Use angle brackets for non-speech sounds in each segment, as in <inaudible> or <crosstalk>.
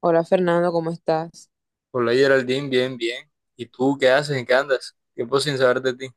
Hola Fernando, ¿cómo estás? Hola Geraldine, bien, bien. ¿Y tú qué haces? ¿En qué andas? Tiempo sin saber de ti.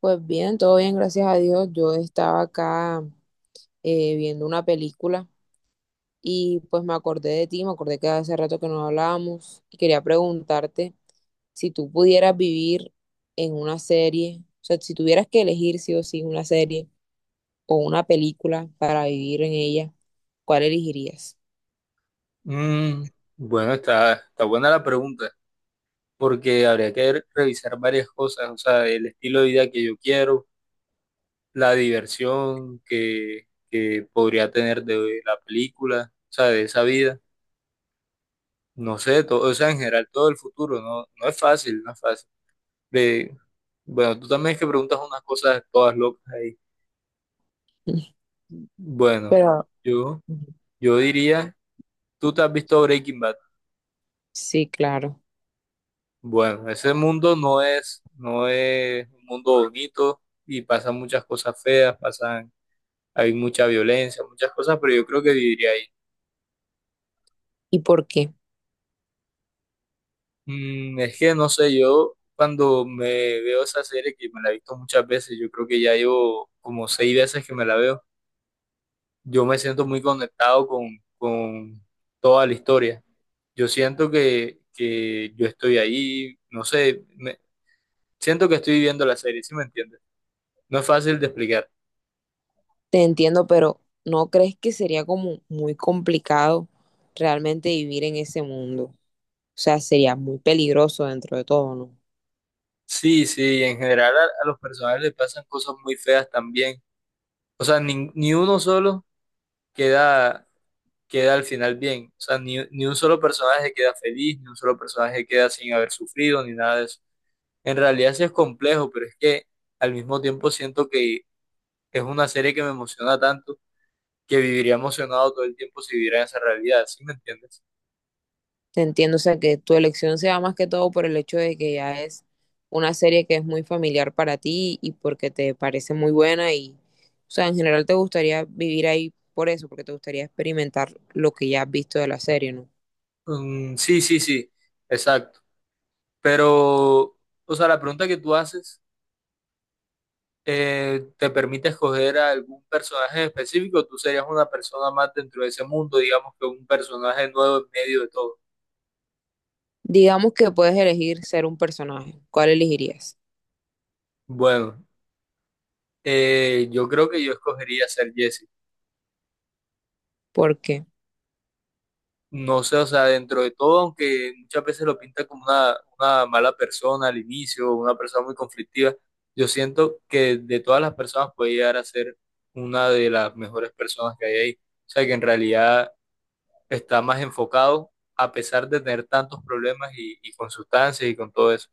Pues bien, todo bien, gracias a Dios. Yo estaba acá viendo una película y pues me acordé de ti, me acordé que hace rato que no hablábamos y quería preguntarte si tú pudieras vivir en una serie, o sea, si tuvieras que elegir sí o sí una serie o una película para vivir en ella, ¿cuál elegirías? Mm, bueno, está buena la pregunta, porque habría que revisar varias cosas, o sea, el estilo de vida que yo quiero, la diversión que podría tener de la película, o sea, de esa vida, no sé, todo, o sea, en general todo el futuro, no, no es fácil, no es fácil. De, bueno, tú también es que preguntas unas cosas todas locas ahí. <laughs> Bueno, Pero, yo, ujú. yo diría, ¿tú te has visto Breaking Bad? Sí, claro. Bueno, ese mundo no es un mundo bonito y pasan muchas cosas feas, pasan, hay mucha violencia, muchas cosas, pero yo creo que viviría ahí. ¿Y por qué? Es que no sé, yo cuando me veo esa serie, que me la he visto muchas veces, yo creo que ya llevo como seis veces que me la veo, yo me siento muy conectado con toda la historia. Yo siento que yo estoy ahí, no sé, siento que estoy viviendo la serie, ¿sí me entiendes? No es fácil de explicar. Te entiendo, pero ¿no crees que sería como muy complicado realmente vivir en ese mundo? O sea, sería muy peligroso dentro de todo, ¿no? Sí, sí, en general a los personajes les pasan cosas muy feas también. O sea, ni uno solo queda, queda al final bien. O sea, ni un solo personaje queda feliz, ni un solo personaje queda sin haber sufrido, ni nada de eso. En realidad sí es complejo, pero es que al mismo tiempo siento que es una serie que me emociona tanto que viviría emocionado todo el tiempo si viviera en esa realidad, ¿sí me entiendes? Te entiendo, o sea, que tu elección sea más que todo por el hecho de que ya es una serie que es muy familiar para ti y porque te parece muy buena y, o sea, en general te gustaría vivir ahí por eso, porque te gustaría experimentar lo que ya has visto de la serie, ¿no? Mm, sí, sí, sí, exacto. Pero, o sea, la pregunta que tú haces te permite escoger a algún personaje específico, tú serías una persona más dentro de ese mundo, digamos que un personaje nuevo en medio de todo. Digamos que puedes elegir ser un personaje, ¿cuál elegirías? Bueno, yo creo que yo escogería ser Jesse. ¿Por qué? No sé, o sea, dentro de todo, aunque muchas veces lo pinta como una mala persona al inicio, una persona muy conflictiva, yo siento que de todas las personas puede llegar a ser una de las mejores personas que hay ahí. O sea, que en realidad está más enfocado a pesar de tener tantos problemas y con sustancias y con todo eso.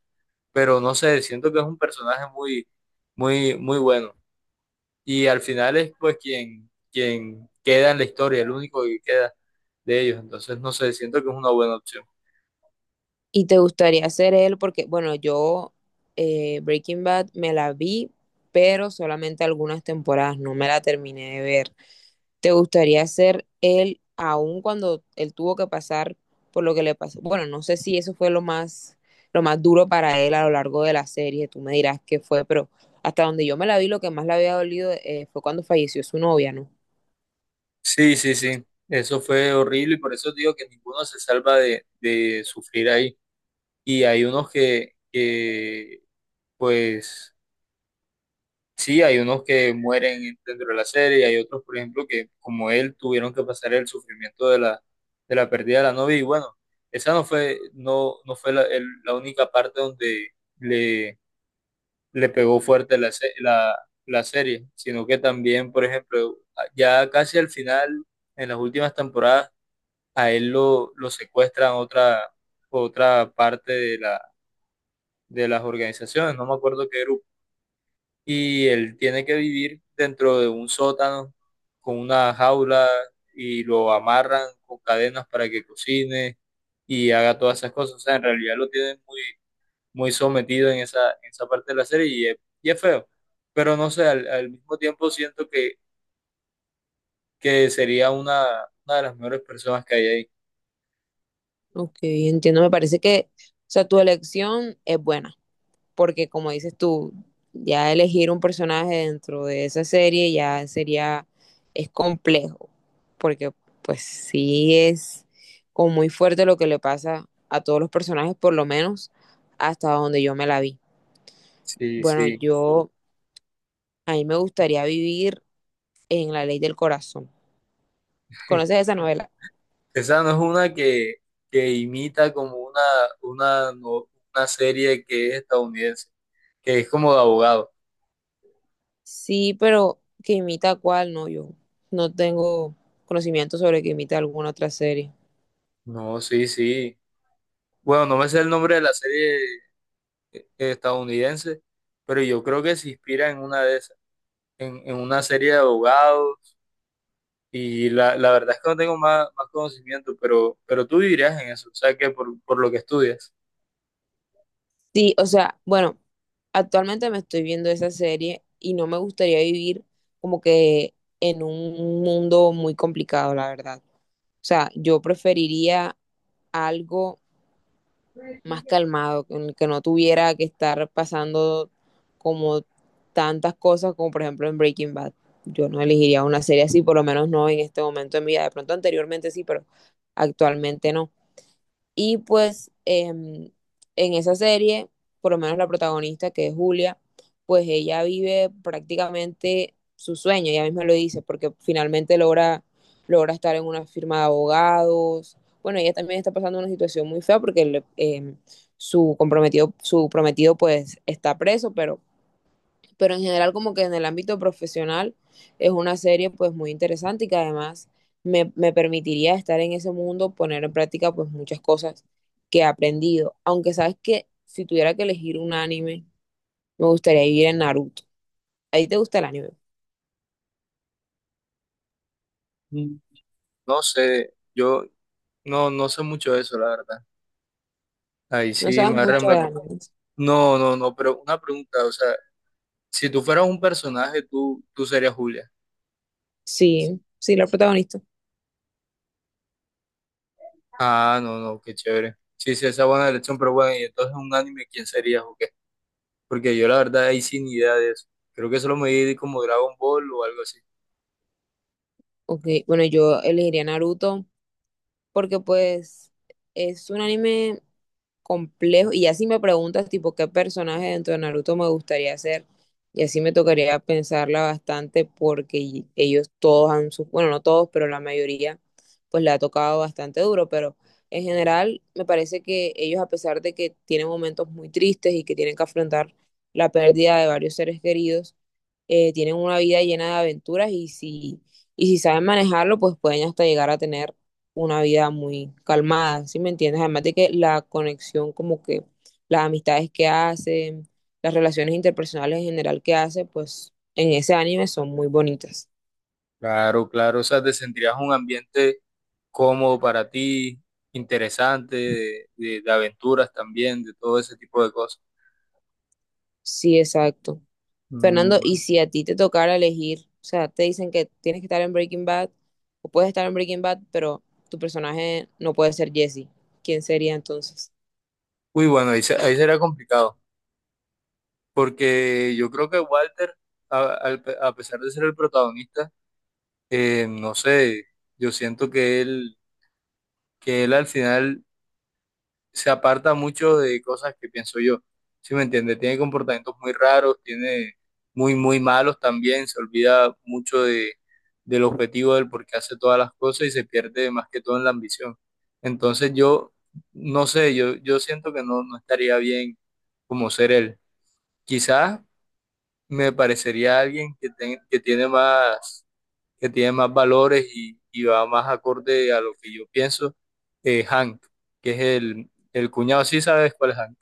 Pero no sé, siento que es un personaje muy, muy, muy bueno. Y al final es pues quien queda en la historia, el único que queda de ellos. Entonces, no sé, siento que es una buena opción. ¿Y te gustaría ser él? Porque, bueno, yo, Breaking Bad me la vi, pero solamente algunas temporadas, no me la terminé de ver. ¿Te gustaría ser él aún cuando él tuvo que pasar por lo que le pasó? Bueno, no sé si eso fue lo más duro para él a lo largo de la serie, tú me dirás qué fue, pero hasta donde yo me la vi, lo que más le había dolido fue cuando falleció su novia, ¿no? Sí, sí, sí. Eso fue horrible y por eso digo que ninguno se salva de sufrir ahí. Y hay unos que pues, sí, hay unos que mueren dentro de la serie, y hay otros, por ejemplo, que como él tuvieron que pasar el sufrimiento de la pérdida de la novia. Y bueno, esa no fue la única parte donde le, le pegó fuerte la serie, sino que también, por ejemplo, ya casi al final, en las últimas temporadas, a él lo secuestran otra parte de las organizaciones. No me acuerdo qué grupo y él tiene que vivir dentro de un sótano con una jaula y lo amarran con cadenas para que cocine y haga todas esas cosas. O sea, en realidad lo tienen muy, muy sometido en esa parte de la serie y es feo. Pero no sé, al mismo tiempo siento que sería una de las mejores personas que hay ahí. Ok, entiendo, me parece que, o sea, tu elección es buena. Porque como dices tú, ya elegir un personaje dentro de esa serie ya sería, es complejo, porque pues sí es como muy fuerte lo que le pasa a todos los personajes, por lo menos hasta donde yo me la vi. Sí, Bueno, sí. yo, a mí me gustaría vivir en La Ley del Corazón. ¿Conoces esa novela? Esa no es una que imita como una, no- una serie que es estadounidense, que es como de abogado. Sí, pero que imita a cuál, no, yo no tengo conocimiento sobre que imita alguna otra serie. No, sí, sí. Bueno, no me sé el nombre de la serie estadounidense, pero yo creo que se inspira en una de esas, en una serie de abogados. Y la verdad es que no tengo más conocimiento, pero tú vivirías en eso, o sea que por lo que estudias. Sí, o sea, bueno, actualmente me estoy viendo esa serie y no me gustaría vivir como que en un mundo muy complicado, la verdad. O sea, yo preferiría algo más calmado, en el que no tuviera que estar pasando como tantas cosas como por ejemplo en Breaking Bad. Yo no elegiría una serie así, por lo menos no en este momento de mi vida. De pronto anteriormente sí, pero actualmente no. Y pues en esa serie, por lo menos la protagonista, que es Julia, pues ella vive prácticamente su sueño, ella misma lo dice, porque finalmente logra, logra estar en una firma de abogados. Bueno, ella también está pasando una situación muy fea porque su comprometido, su prometido pues está preso, pero en general como que en el ámbito profesional es una serie pues muy interesante y que además me permitiría estar en ese mundo, poner en práctica pues muchas cosas que he aprendido. Aunque sabes que si tuviera que elegir un anime, me gustaría vivir en Naruto. ¿A ti te gusta el anime? Mm. No sé, yo no, no sé mucho de eso, la verdad. Ahí No sí me sabes agarra en mucho de blanco. animes. No, no, no, pero una pregunta, o sea, si tú fueras un personaje, tú serías Julia. Sí, sí, la protagonista. Ah, no, no, qué chévere. Sí, sí, esa es buena elección, pero bueno, y entonces un anime, ¿quién sería o qué? Porque yo la verdad ahí sin idea de eso. Creo que solo me vi como Dragon Ball o algo así. Ok, bueno, yo elegiría Naruto porque pues es un anime complejo. Y así me preguntas, tipo, qué personaje dentro de Naruto me gustaría ser. Y así me tocaría pensarla bastante porque ellos todos han, bueno, no todos, pero la mayoría, pues le ha tocado bastante duro. Pero en general, me parece que ellos, a pesar de que tienen momentos muy tristes y que tienen que afrontar la pérdida de varios seres queridos, tienen una vida llena de aventuras y si saben manejarlo, pues pueden hasta llegar a tener una vida muy calmada, ¿sí me entiendes? Además de que la conexión, como que las amistades que hace, las relaciones interpersonales en general que hace, pues en ese anime son muy bonitas. Claro, claro, o sea, te sentirías un ambiente cómodo para ti, interesante, de aventuras también, de todo ese tipo de cosas. Sí, exacto. Mm, Fernando, y bueno. si a ti te tocara elegir, o sea, te dicen que tienes que estar en Breaking Bad, o puedes estar en Breaking Bad, pero tu personaje no puede ser Jesse, ¿quién sería entonces? Uy, bueno, ahí, ahí será complicado, porque yo creo que Walter, a pesar de ser el protagonista, no sé, yo siento que él al final se aparta mucho de cosas que pienso yo. ¿Sí me entiende? Tiene comportamientos muy raros, tiene muy, muy malos también, se olvida mucho del objetivo del por qué hace todas las cosas y se pierde más que todo en la ambición. Entonces yo, no sé, yo siento que no, no estaría bien como ser él. Quizás me parecería alguien que tiene más valores y va más acorde a lo que yo pienso, Hank, que es el cuñado, ¿sí sabes cuál es Hank?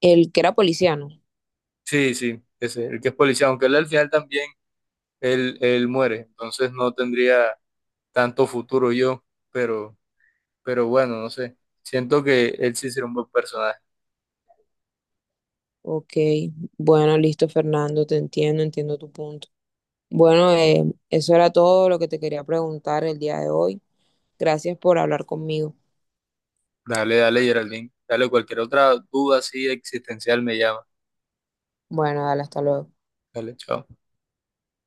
El que era policiano. Sí, sí, ese, el que es policía, aunque él al final también, él muere, entonces no tendría tanto futuro yo, pero, pero bueno, no sé, siento que él sí será un buen personaje. Ok, bueno, listo, Fernando, te entiendo, entiendo tu punto. Bueno, eso era todo lo que te quería preguntar el día de hoy. Gracias por hablar conmigo. Dale, dale, Geraldine, dale cualquier otra duda así existencial me llama. Bueno, dale, hasta luego. Dale, chao.